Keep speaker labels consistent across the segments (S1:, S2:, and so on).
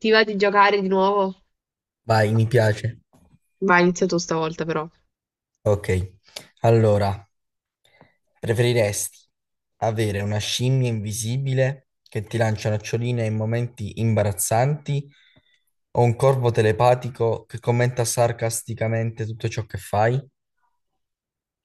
S1: Ti va di giocare di nuovo?
S2: Vai, mi piace.
S1: Vai, inizia tu stavolta però.
S2: Ok. Allora, preferiresti avere una scimmia invisibile che ti lancia noccioline in momenti imbarazzanti o un corvo telepatico che commenta sarcasticamente tutto ciò che fai?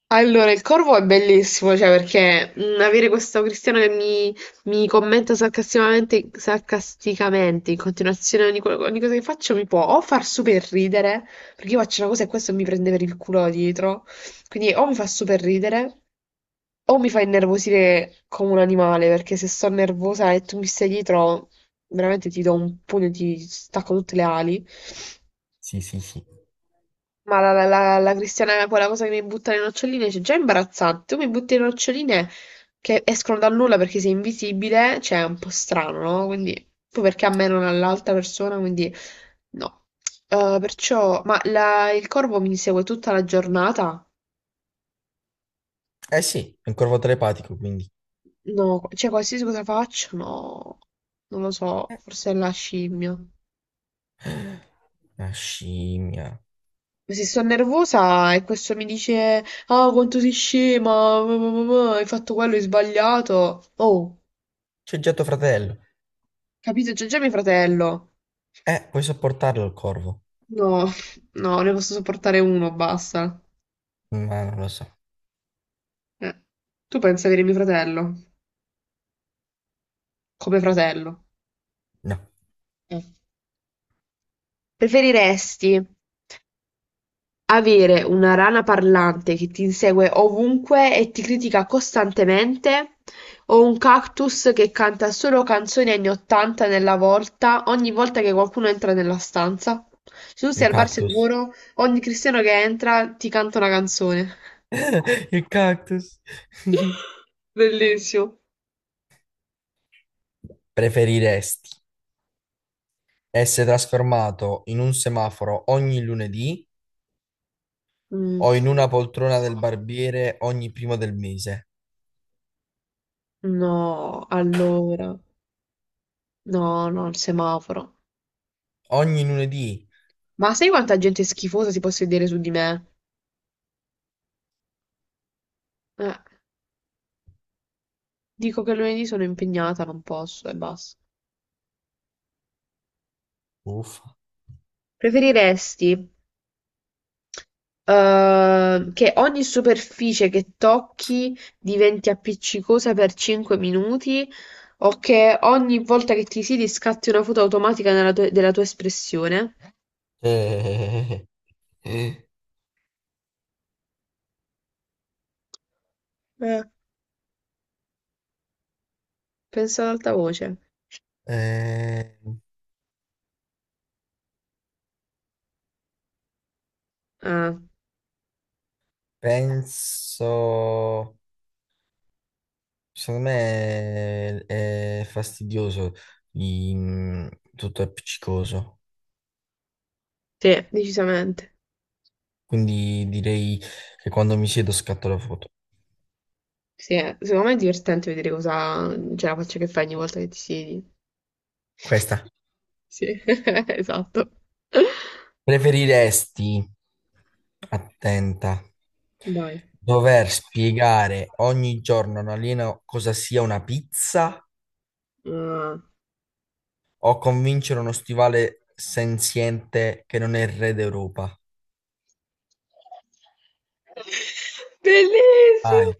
S1: Allora, il corvo è bellissimo, cioè perché avere questo cristiano che mi commenta sarcasticamente, sarcasticamente in continuazione ogni cosa che faccio mi può o far super ridere, perché io faccio una cosa e questo mi prende per il culo dietro, quindi o mi fa super ridere o mi fa innervosire come un animale, perché se sto nervosa e tu mi stai dietro, veramente ti do un pugno, e ti stacco tutte le ali.
S2: Sì, sì, sì.
S1: Ma la Cristiana, quella cosa che mi butta le noccioline, c'è già è imbarazzante. Tu mi butti le noccioline che escono dal nulla perché sei invisibile, cioè è un po' strano, no? Quindi, poi perché a me non all'altra persona, quindi no. Perciò, il corvo mi segue tutta la giornata?
S2: Eh sì, è un corvo telepatico, quindi.
S1: No, cioè qualsiasi cosa faccio, no. Non lo so, forse è la scimmia.
S2: Una scimmia.
S1: Se sto nervosa e questo mi dice, ah, quanto sei scema, hai fatto quello, hai sbagliato. Oh.
S2: C'è già tuo fratello.
S1: Capito? C'è già mio fratello.
S2: Puoi sopportarlo il corvo.
S1: No, no, ne posso sopportare uno, basta.
S2: Ma non lo so.
S1: Eh. Tu pensi avere mio fratello? Come fratello?
S2: No,
S1: Eh. Preferiresti avere una rana parlante che ti insegue ovunque e ti critica costantemente, o un cactus che canta solo canzoni anni 80 nella volta, ogni volta che qualcuno entra nella stanza? Se tu sei
S2: un
S1: al bar
S2: cactus.
S1: sicuro, ogni cristiano che entra ti canta una canzone.
S2: Il cactus.
S1: Bellissimo.
S2: Preferiresti essere trasformato in un semaforo ogni lunedì
S1: Mm,
S2: o in una poltrona del barbiere ogni primo del mese?
S1: no, allora. No, no, il semaforo.
S2: Ogni lunedì.
S1: Ma sai quanta gente schifosa si può sedere su di me? Eh, Dico che lunedì sono impegnata, non posso e basta.
S2: Uffa.
S1: Preferiresti che ogni superficie che tocchi diventi appiccicosa per 5 minuti o che ogni volta che ti siedi scatti una foto automatica della tua espressione?
S2: Eh, eh,
S1: Eh, Pensa ad alta voce.
S2: eh,
S1: Ah,
S2: penso, secondo me è fastidioso, i- tutto è appiccicoso.
S1: sì, decisamente.
S2: Quindi direi che quando mi siedo scatto la foto.
S1: Sì, secondo me è divertente vedere cosa c'è la faccia che fai ogni volta che ti siedi.
S2: Questa.
S1: Sì, esatto.
S2: Preferiresti, attenta,
S1: Dai.
S2: dover spiegare ogni giorno a un alieno cosa sia una pizza
S1: Ah.
S2: o convincere uno stivale senziente che non è il re d'Europa?
S1: Bellissimo.
S2: Vai,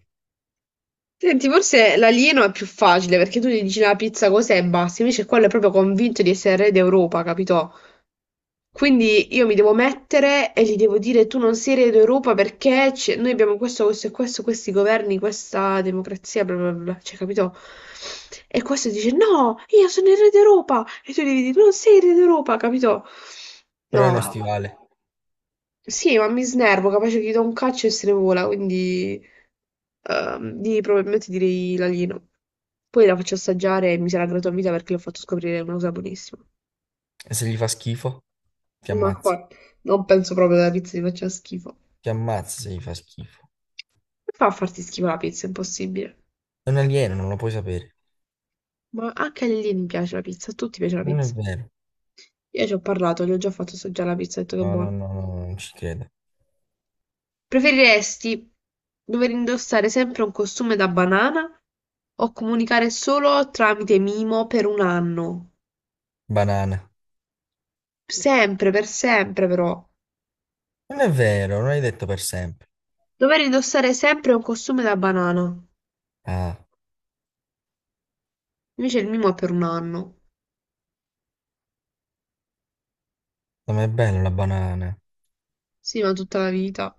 S1: Senti, forse l'alieno è più facile perché tu gli dici "No, la pizza cos'è e basta, invece quello è proprio convinto di essere re d'Europa, capito? Quindi io mi devo mettere e gli devo dire tu non sei re d'Europa perché noi abbiamo questo, questo e questo, questi governi, questa democrazia, bla bla bla, cioè capito? E questo dice no, io sono il re d'Europa e tu devi dire non sei il re d'Europa, capito?
S2: però è
S1: No,
S2: uno
S1: no.
S2: stivale.
S1: Sì, ma mi snervo, capace che gli do un calcio e se ne vola, quindi probabilmente direi l'alieno. Poi la faccio assaggiare e mi sarà grata a vita perché l'ho fatto scoprire una cosa buonissima.
S2: E se gli fa schifo, ti
S1: Ma
S2: ammazza.
S1: qua non penso proprio che la pizza gli faccia schifo.
S2: Ti ammazza se gli fa schifo.
S1: Come fa a farti schifo la pizza? È impossibile.
S2: È un alieno, non lo puoi sapere.
S1: Ma anche a Lilini piace la pizza, a tutti piace la
S2: Non è
S1: pizza.
S2: vero.
S1: Io ci ho parlato, gli ho già fatto assaggiare la pizza, ho detto che è
S2: No, no,
S1: buona.
S2: no, no, no, non ci credo.
S1: Preferiresti dover indossare sempre un costume da banana o comunicare solo tramite mimo per un anno?
S2: Banana.
S1: Sempre, per sempre però.
S2: Non è vero, non hai detto per sempre.
S1: Dover indossare sempre un costume da banana.
S2: Ah,
S1: Invece il mimo è per un anno.
S2: non è bello la banana.
S1: Sì, ma tutta la vita.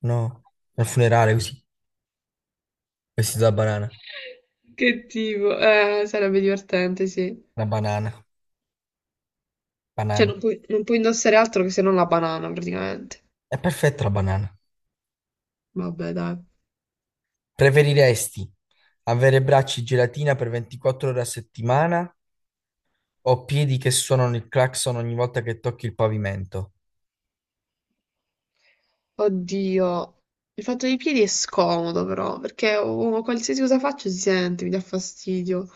S2: No, al funerale così, vestito da banana.
S1: Che tipo, sarebbe divertente, sì.
S2: Una banana,
S1: Cioè,
S2: banana.
S1: non puoi indossare altro che se non la banana, praticamente.
S2: È perfetta la banana.
S1: Vabbè, dai.
S2: Preferiresti avere bracci gelatina per 24 ore a settimana o piedi che suonano il clacson ogni volta che tocchi il pavimento?
S1: Oddio, il fatto dei piedi è scomodo, però, perché oh, qualsiasi cosa faccio si sente, mi dà fastidio.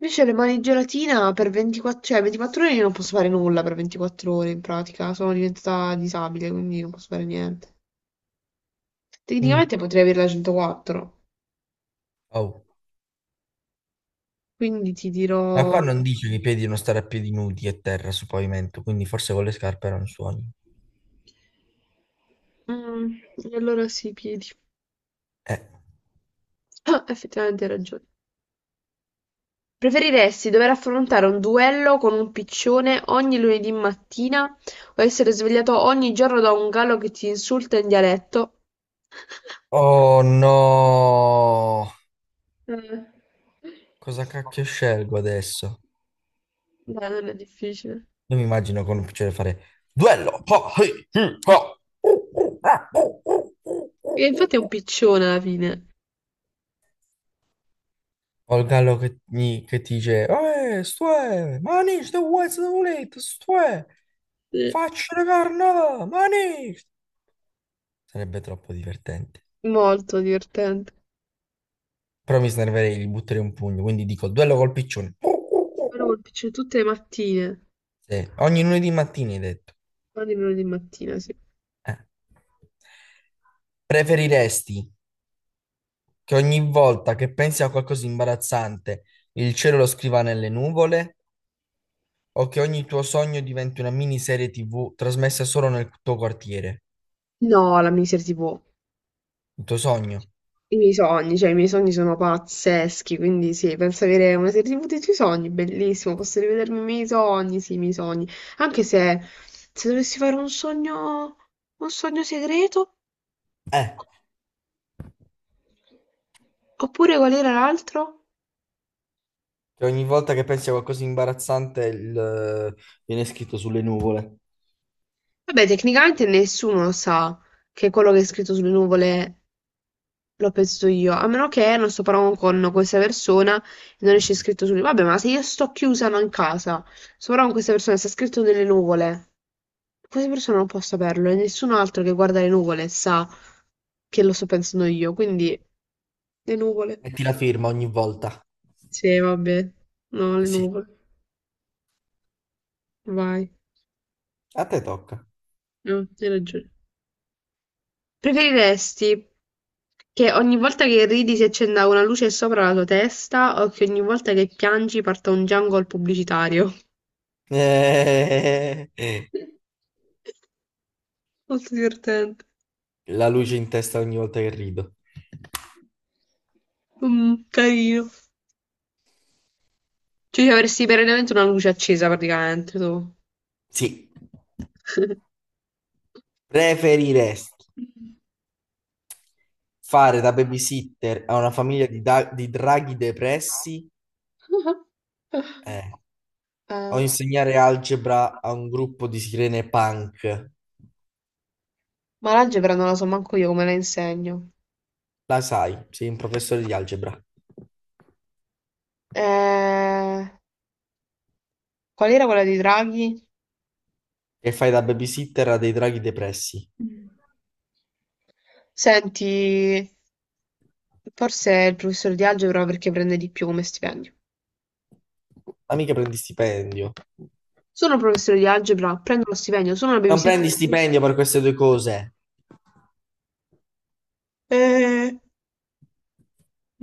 S1: Invece le mani in gelatina per 24, cioè 24 ore io non posso fare nulla per 24 ore, in pratica. Sono diventata disabile, quindi non posso fare niente.
S2: Mm,
S1: Tecnicamente potrei avere la 104,
S2: oh.
S1: quindi ti
S2: Ma qua
S1: dirò...
S2: non dice che i piedi devono stare a piedi nudi e terra sul pavimento, quindi forse con le scarpe non suoni.
S1: Mm, allora sì, piedi.
S2: Eh.
S1: Ah, effettivamente hai ragione. Preferiresti dover affrontare un duello con un piccione ogni lunedì mattina o essere svegliato ogni giorno da un gallo che ti insulta in dialetto?
S2: Oh no!
S1: Eh,
S2: Cosa cacchio scelgo adesso?
S1: Dai, non è difficile.
S2: Io mi immagino con piacere fare duello! Oh, hey, oh.
S1: E infatti è un piccione alla fine.
S2: O il gallo che, che ti dice, stoè, manici, te vuoi se volete, stoè,
S1: Sì.
S2: faccio la carnata, manici. Sarebbe troppo divertente.
S1: Molto divertente.
S2: Però mi snerverei, gli butterei un pugno, quindi dico, duello col piccione.
S1: Però col piccione tutte le mattine.
S2: Sì, ogni lunedì mattina hai detto.
S1: Ogni lunedì mattina, sì.
S2: Eh. Preferiresti che ogni volta che pensi a qualcosa di imbarazzante, il cielo lo scriva nelle nuvole? O che ogni tuo sogno diventi una miniserie TV trasmessa solo nel tuo quartiere.
S1: No, la miniserie TV.
S2: Il tuo sogno.
S1: I miei sogni, cioè i miei sogni sono pazzeschi, quindi sì, penso avere una serie TV dei tuoi sogni, bellissimo, posso rivedermi i miei sogni, sì, i miei sogni, anche se dovessi fare un sogno segreto,
S2: Eh,
S1: oppure qual era l'altro?
S2: Che ogni volta che pensi a qualcosa di imbarazzante il, viene scritto sulle nuvole.
S1: Vabbè, tecnicamente nessuno sa che quello che è scritto sulle nuvole lo penso io, a meno che non sto parlando con questa persona e non esce scritto su. Vabbè, ma se io sto chiusa non in casa, sto parlando con questa persona e sta scritto nelle nuvole, questa persona non può saperlo e nessun altro che guarda le nuvole sa che lo sto pensando io, quindi le nuvole.
S2: Metti la firma ogni volta.
S1: Sì, vabbè, no, le
S2: Sì.
S1: nuvole. Vai,
S2: A te tocca.
S1: no, hai ragione. Preferiresti che ogni volta che ridi si accenda una luce sopra la tua testa o che ogni volta che piangi parta un jungle pubblicitario?
S2: Eh,
S1: Molto divertente.
S2: la luce in testa ogni volta che rido.
S1: Carino. Cioè, ci avresti perennemente una luce accesa praticamente tu.
S2: Sì. Preferiresti fare da babysitter a una famiglia di, di draghi depressi. Eh. O
S1: Eh,
S2: insegnare algebra a un gruppo di sirene punk?
S1: ma l'algebra non la so manco io come la insegno.
S2: La sai, sei un professore di algebra
S1: Eh, Qual era quella di Draghi?
S2: e fai da babysitter a dei draghi depressi.
S1: Mm. Senti, forse è il professore di algebra perché prende di più come stipendio.
S2: Ma mica prendi stipendio.
S1: Sono professore di algebra, prendo lo stipendio, sono una
S2: Non prendi
S1: babysitter.
S2: stipendio per queste due cose.
S1: Eh,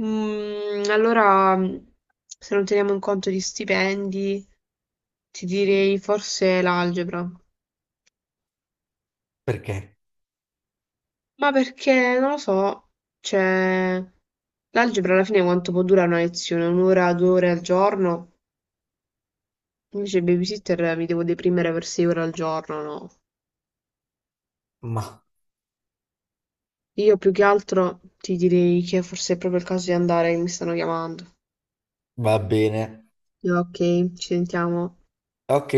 S1: allora, se non teniamo in conto gli stipendi, ti direi forse l'algebra.
S2: Perché?
S1: Ma perché, non lo so, cioè, l'algebra alla fine quanto può durare una lezione? Un'ora, 2 ore al giorno? Invece il babysitter mi devo deprimere per 6 ore al giorno, no?
S2: Ma
S1: Io più che altro ti direi che forse è proprio il caso di andare, che mi stanno chiamando.
S2: va bene.
S1: Ok, ci sentiamo.
S2: Ok.